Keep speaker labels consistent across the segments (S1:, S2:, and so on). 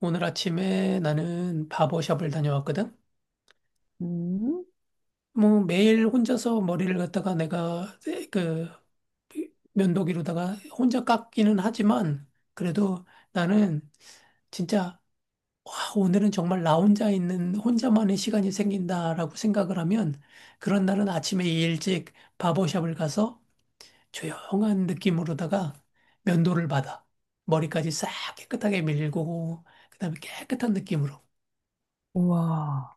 S1: 오늘 아침에 나는 바버샵을 다녀왔거든.
S2: 음.
S1: 뭐 매일 혼자서 머리를 갖다가 내가 그 면도기로다가 혼자 깎기는 하지만 그래도 나는 진짜 와, 오늘은 정말 나 혼자 있는 혼자만의 시간이 생긴다라고 생각을 하면 그런 날은 아침에 일찍 바버샵을 가서 조용한 느낌으로다가 면도를 받아. 머리까지 싹 깨끗하게 밀고 그다음에 깨끗한 느낌으로.
S2: 우와.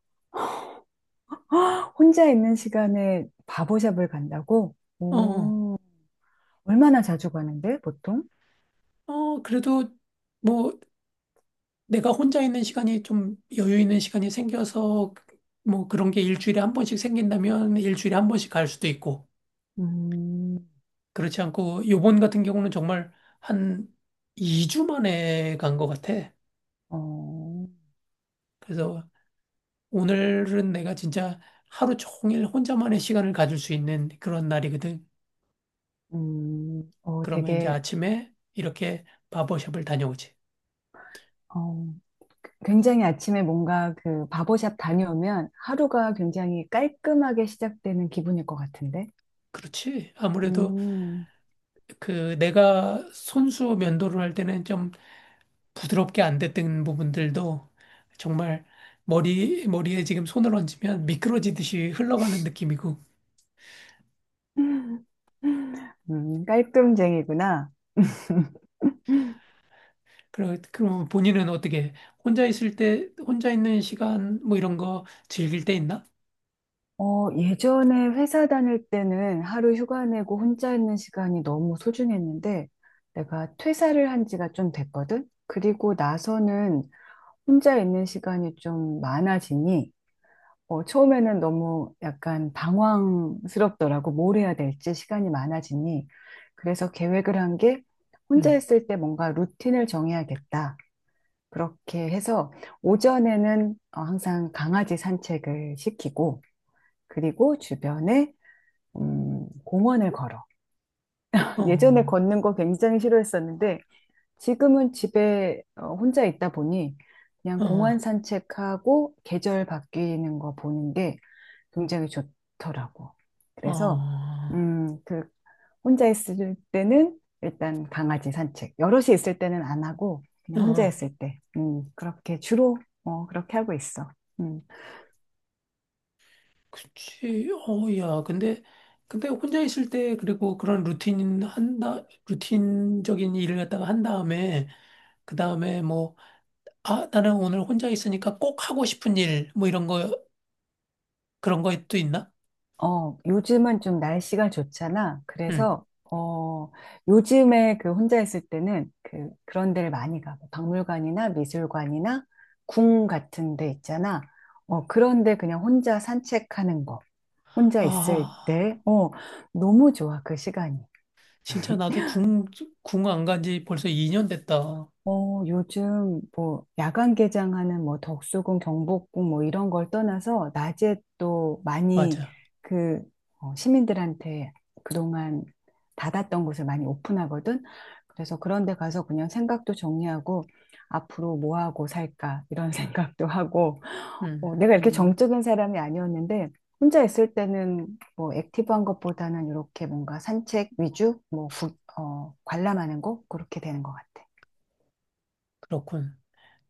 S2: 혼자 있는 시간에 바보샵을 간다고?
S1: 어. 어.
S2: 오, 얼마나 자주 가는데, 보통?
S1: 그래도 뭐 내가 혼자 있는 시간이 좀 여유 있는 시간이 생겨서 뭐 그런 게 일주일에 한 번씩 생긴다면 일주일에 한 번씩 갈 수도 있고
S2: 음.
S1: 그렇지 않고 요번 같은 경우는 정말 한 2주 만에 간 것 같아.
S2: 어,
S1: 그래서 오늘은 내가 진짜 하루 종일 혼자만의 시간을 가질 수 있는 그런 날이거든.
S2: 어,
S1: 그러면 이제
S2: 되게,
S1: 아침에 이렇게 바버샵을 다녀오지.
S2: 어, 굉장히 아침에 뭔가 그 바보샵 다녀오면 하루가 굉장히 깔끔하게 시작되는 기분일 것 같은데?
S1: 그렇지. 아무래도
S2: 음.
S1: 그 내가 손수 면도를 할 때는 좀 부드럽게 안 됐던 부분들도 정말 머리에 지금 손을 얹으면 미끄러지듯이 흘러가는 느낌이고.
S2: 깔끔쟁이구나.
S1: 그럼 본인은 어떻게 혼자 있을 때, 혼자 있는 시간 뭐 이런 거 즐길 때 있나?
S2: 어, 예전에 회사 다닐 때는 하루 휴가 내고 혼자 있는 시간이 너무 소중했는데 내가 퇴사를 한 지가 좀 됐거든? 그리고 나서는 혼자 있는 시간이 좀 많아지니 어, 처음에는 너무 약간 방황스럽더라고. 뭘 해야 될지 시간이 많아지니. 그래서 계획을 한 게 혼자
S1: 음.
S2: 있을 때 뭔가 루틴을 정해야겠다. 그렇게 해서 오전에는 어, 항상 강아지 산책을 시키고 그리고 주변에 공원을 걸어.
S1: 어,
S2: 예전에
S1: 어,
S2: 걷는 거 굉장히 싫어했었는데 지금은 집에 어, 혼자 있다 보니 그냥 공원 산책하고 계절 바뀌는 거 보는 게 굉장히 좋더라고. 그래서
S1: 어,
S2: 그 혼자 있을 때는 일단 강아지 산책, 여럿이 있을 때는 안 하고 그냥 혼자
S1: 어,
S2: 있을 때, 그렇게 주로 어, 그렇게 하고 있어. 음.
S1: 그치. 야, 근데, 근데 혼자 있을 때 그리고 그런 루틴 한다, 루틴적인 일을 갖다가 한 다음에, 그 다음에 뭐, 아, 나는 오늘 혼자 있으니까 꼭 하고 싶은 일, 뭐 이런 거, 그런 것도 있나?
S2: 어, 요즘은 좀 날씨가 좋잖아.
S1: 응.
S2: 그래서, 어, 요즘에 그 혼자 있을 때는 그, 그런 데를 많이 가. 뭐 박물관이나 미술관이나 궁 같은 데 있잖아. 어, 그런데 그냥 혼자 산책하는 거. 혼자 있을
S1: 아,
S2: 때, 어, 너무 좋아, 그 시간이.
S1: 진짜 나도 궁 안 간지 벌써 2년 됐다.
S2: 어, 요즘 뭐 야간 개장하는 뭐 덕수궁, 경복궁 뭐 이런 걸 떠나서 낮에 또 많이
S1: 맞아.
S2: 그 어, 시민들한테 그동안 닫았던 곳을 많이 오픈하거든. 그래서 그런 데 가서 그냥 생각도 정리하고 앞으로 뭐 하고 살까 이런 생각도 하고
S1: 음,
S2: 어, 내가 이렇게
S1: 음,
S2: 정적인 사람이 아니었는데 혼자 있을 때는 뭐 액티브한 것보다는 이렇게 뭔가 산책 위주 뭐 어, 관람하는 거 그렇게 되는 것 같아.
S1: 그렇군.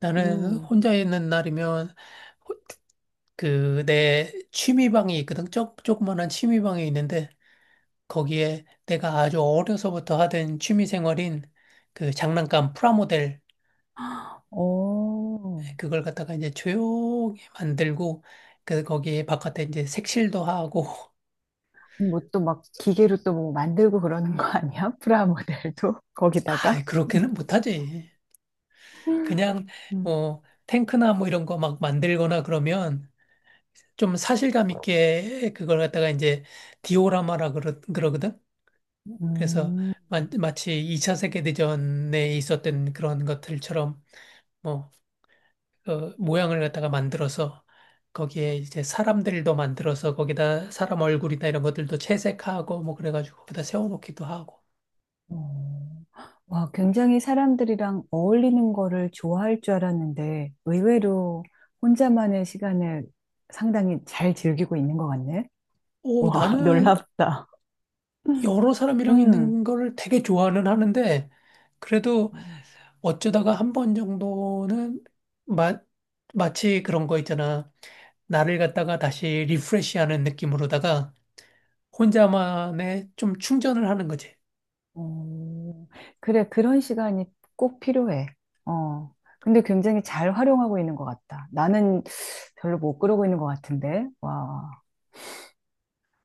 S1: 나는
S2: 음.
S1: 혼자 있는 날이면, 호- 그, 내 취미방이 있거든. 조그만한 취미방이 있는데, 거기에 내가 아주 어려서부터 하던 취미생활인 그 장난감 프라모델
S2: 어,
S1: 그걸 갖다가 이제 조용히 만들고 그 거기에 바깥에 이제 색칠도 하고
S2: 뭐 또 막 기계로 또 뭐 만들고 그러는 거 아니야? 프라모델도 거기다가?
S1: 아 그렇게는 못하지. 그냥
S2: 음.
S1: 뭐 탱크나 뭐 이런 거 막 만들거나 그러면 좀 사실감 있게 그걸 갖다가 이제 그러거든. 그래서
S2: 음,
S1: 마치 2차 세계대전에 있었던 그런 것들처럼 뭐 어, 모양을 갖다가 만들어서 거기에 이제 사람들도 만들어서 거기다 사람 얼굴이나 이런 것들도 채색하고 뭐 그래가지고 거기다 세워놓기도 하고.
S2: 어. 와, 굉장히 사람들이랑 어울리는 거를 좋아할 줄 알았는데 의외로 혼자만의 시간을 상당히 잘 즐기고 있는 것 같네.
S1: 오,
S2: 와,
S1: 나는
S2: 놀랍다.
S1: 여러 사람이랑
S2: 음,
S1: 있는 걸 되게 좋아는 하는데 그래도 어쩌다가 한 번 정도는 마, 마치 그런 거 있잖아. 나를 갖다가 다시 리프레시하는 느낌으로다가 혼자만의 좀 충전을 하는 거지.
S2: 어, 그래, 그런 시간이 꼭 필요해. 어, 근데 굉장히 잘 활용하고 있는 것 같다. 나는 별로 못 그러고 있는 것 같은데. 와.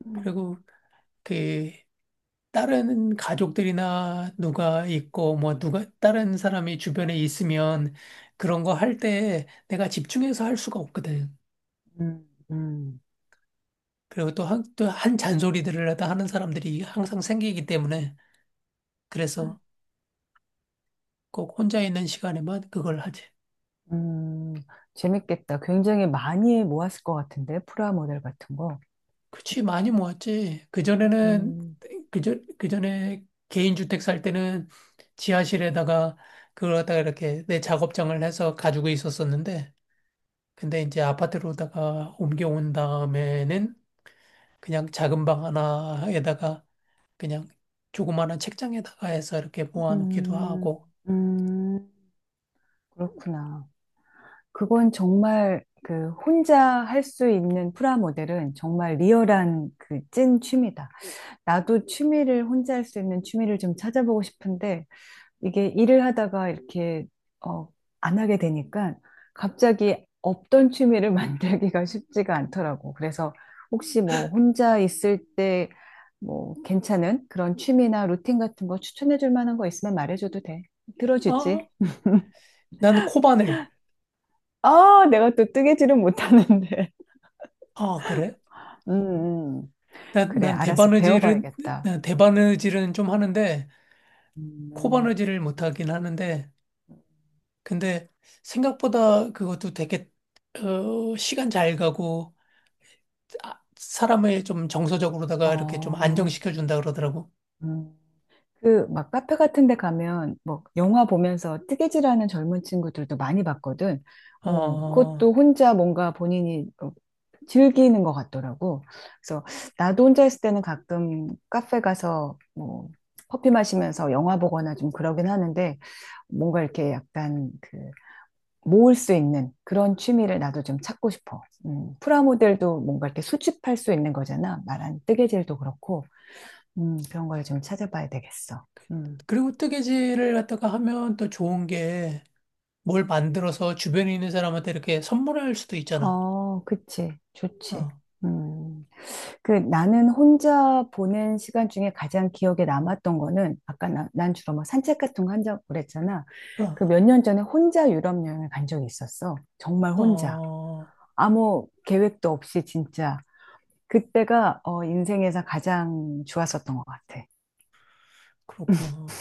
S2: 음.
S1: 그리고 그 다른 가족들이나 누가 있고 뭐 누가 다른 사람이 주변에 있으면 그런 거 할 때 내가 집중해서 할 수가 없거든.
S2: 음,
S1: 그리고 또 한 잔소리들을 하다 하는 사람들이 항상 생기기 때문에
S2: 음,
S1: 그래서 꼭 혼자 있는 시간에만 그걸 하지.
S2: 음, 재밌겠다. 굉장히 많이 모았을 것 같은데, 프라 모델 같은 거.
S1: 그치, 많이 모았지. 그전에는
S2: 음,
S1: 그저 그전에 개인주택 살 때는 지하실에다가 그걸 갖다가 이렇게 내 작업장을 해서 가지고 있었었는데 근데 이제 아파트로다가 옮겨온 다음에는 그냥 작은 방 하나에다가 그냥 조그마한 책장에다가 해서 이렇게 모아놓기도
S2: 음,
S1: 하고.
S2: 음, 그렇구나. 그건 정말 그 혼자 할 수 있는 프라 모델은 정말 리얼한 그 찐 취미다. 나도 취미를 혼자 할 수 있는 취미를 좀 찾아보고 싶은데 이게 일을 하다가 이렇게 어, 안 하게 되니까 갑자기 없던 취미를 만들기가 쉽지가 않더라고. 그래서 혹시 뭐 혼자 있을 때 뭐 괜찮은 그런 취미나 루틴 같은 거 추천해 줄 만한 거 있으면 말해줘도 돼. 들어주지.
S1: 아, 난 코바늘.
S2: 아, 내가 또 뜨개질은 못하는데.
S1: 아, 그래?
S2: 음, 음. 그래,
S1: 난
S2: 알았어.
S1: 대바느질은,
S2: 배워봐야겠다.
S1: 난 대바느질은 좀 하는데,
S2: 음,
S1: 코바느질을 못하긴 하는데, 근데 생각보다 그것도 되게, 어, 시간 잘 가고, 아, 사람을 좀 정서적으로다가 이렇게 좀
S2: 어,
S1: 안정시켜준다 그러더라고.
S2: 음. 그 막 카페 같은 데 가면 뭐 영화 보면서 뜨개질하는 젊은 친구들도 많이 봤거든. 어,
S1: 어,
S2: 그것도 혼자 뭔가 본인이 어, 즐기는 것 같더라고. 그래서 나도 혼자 있을 때는 가끔 카페 가서 뭐 커피 마시면서 영화 보거나 좀 그러긴 하는데 뭔가 이렇게 약간 그 모을 수 있는 그런 취미를 나도 좀 찾고 싶어. 프라모델도 뭔가 이렇게 수집할 수 있는 거잖아. 말한 뜨개질도 그렇고. 그런 걸 좀 찾아봐야 되겠어. 음.
S1: 그리고 뜨개질을 갖다가 하면 또 좋은 게 뭘 만들어서 주변에 있는 사람한테 이렇게 선물할 수도 있잖아.
S2: 어, 그치. 좋지.
S1: 어,
S2: 음. 그 나는 혼자 보낸 시간 중에 가장 기억에 남았던 거는 아까 난 주로 막 산책 같은 거 한다고 그랬잖아.
S1: 어,
S2: 그 몇 년 전에 혼자 유럽 여행을 간 적이 있었어. 정말 혼자.
S1: 어,
S2: 아무 계획도 없이 진짜. 그때가 어, 인생에서 가장 좋았었던 것 같아.
S1: 그렇구나.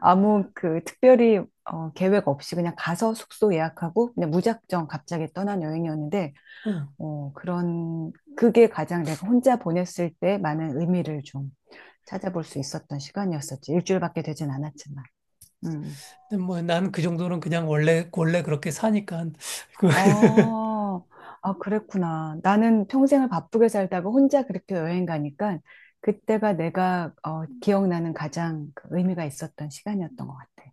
S2: 아무 그 특별히 어, 계획 없이 그냥 가서 숙소 예약하고 그냥 무작정 갑자기 떠난 여행이었는데
S1: 응.
S2: 어, 그게 가장 내가 혼자 보냈을 때 많은 의미를 좀 찾아볼 수 있었던 시간이었었지. 일주일밖에 되진 않았지만. 음.
S1: 근데 뭐 난 그 정도는 그냥 원래 원래 그렇게 사니까 그
S2: 어, 아, 그랬구나. 나는 평생을 바쁘게 살다가 혼자 그렇게 여행 가니까 그때가 내가 어, 기억나는 가장 그 의미가 있었던 시간이었던 것 같아.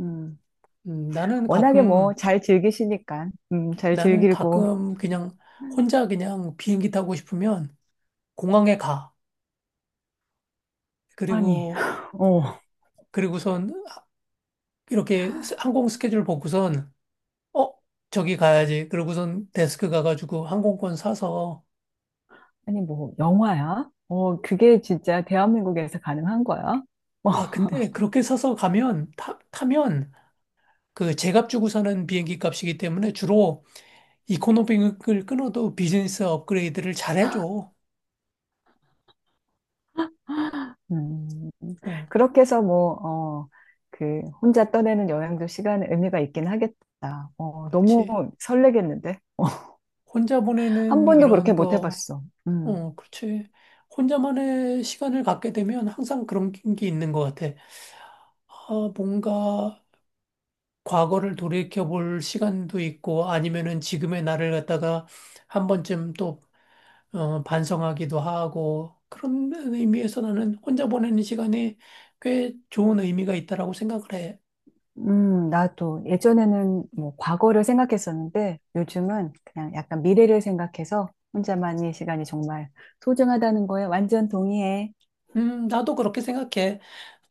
S2: 음.
S1: 나는
S2: 워낙에 뭐
S1: 가끔
S2: 잘 즐기시니까, 잘
S1: 나는
S2: 즐기고.
S1: 가끔 그냥 혼자 그냥 비행기 타고 싶으면 공항에 가.
S2: 아니,
S1: 그리고
S2: 어.
S1: 그리고선 이렇게 항공 스케줄 보고선 어, 저기 가야지. 그러고선 데스크 가가지고 항공권 사서.
S2: 아니, 뭐, 영화야? 어, 그게 진짜 대한민국에서 가능한 거야? 어,
S1: 아, 근데 그렇게 사서 가면, 타면 그 제값 주고 사는 비행기 값이기 때문에 주로 이코노미을 끊어도 비즈니스 업그레이드를 잘 해줘.
S2: 음,
S1: 응,
S2: 그렇게 해서 뭐, 어, 그, 혼자 떠내는 여행도 시간 의미가 있긴 하겠다. 어, 너무
S1: 그렇지.
S2: 설레겠는데?
S1: 혼자
S2: 한
S1: 보내는
S2: 번도 그렇게
S1: 이런
S2: 못
S1: 거,
S2: 해봤어. 음,
S1: 어, 그렇지. 혼자만의 시간을 갖게 되면 항상 그런 게 있는 것 같아. 아, 뭔가 과거를 돌이켜볼 시간도 있고 아니면은 지금의 나를 갖다가 한 번쯤 또 어, 반성하기도 하고 그런 의미에서 나는 혼자 보내는 시간이 꽤 좋은 의미가 있다라고 생각을 해.
S2: 나도 예전에는 뭐, 과거를 생각했었는데, 요즘은 그냥 약간 미래를 생각해서 혼자만의 시간이 정말 소중하다는 거에 완전 동의해.
S1: 나도 그렇게 생각해.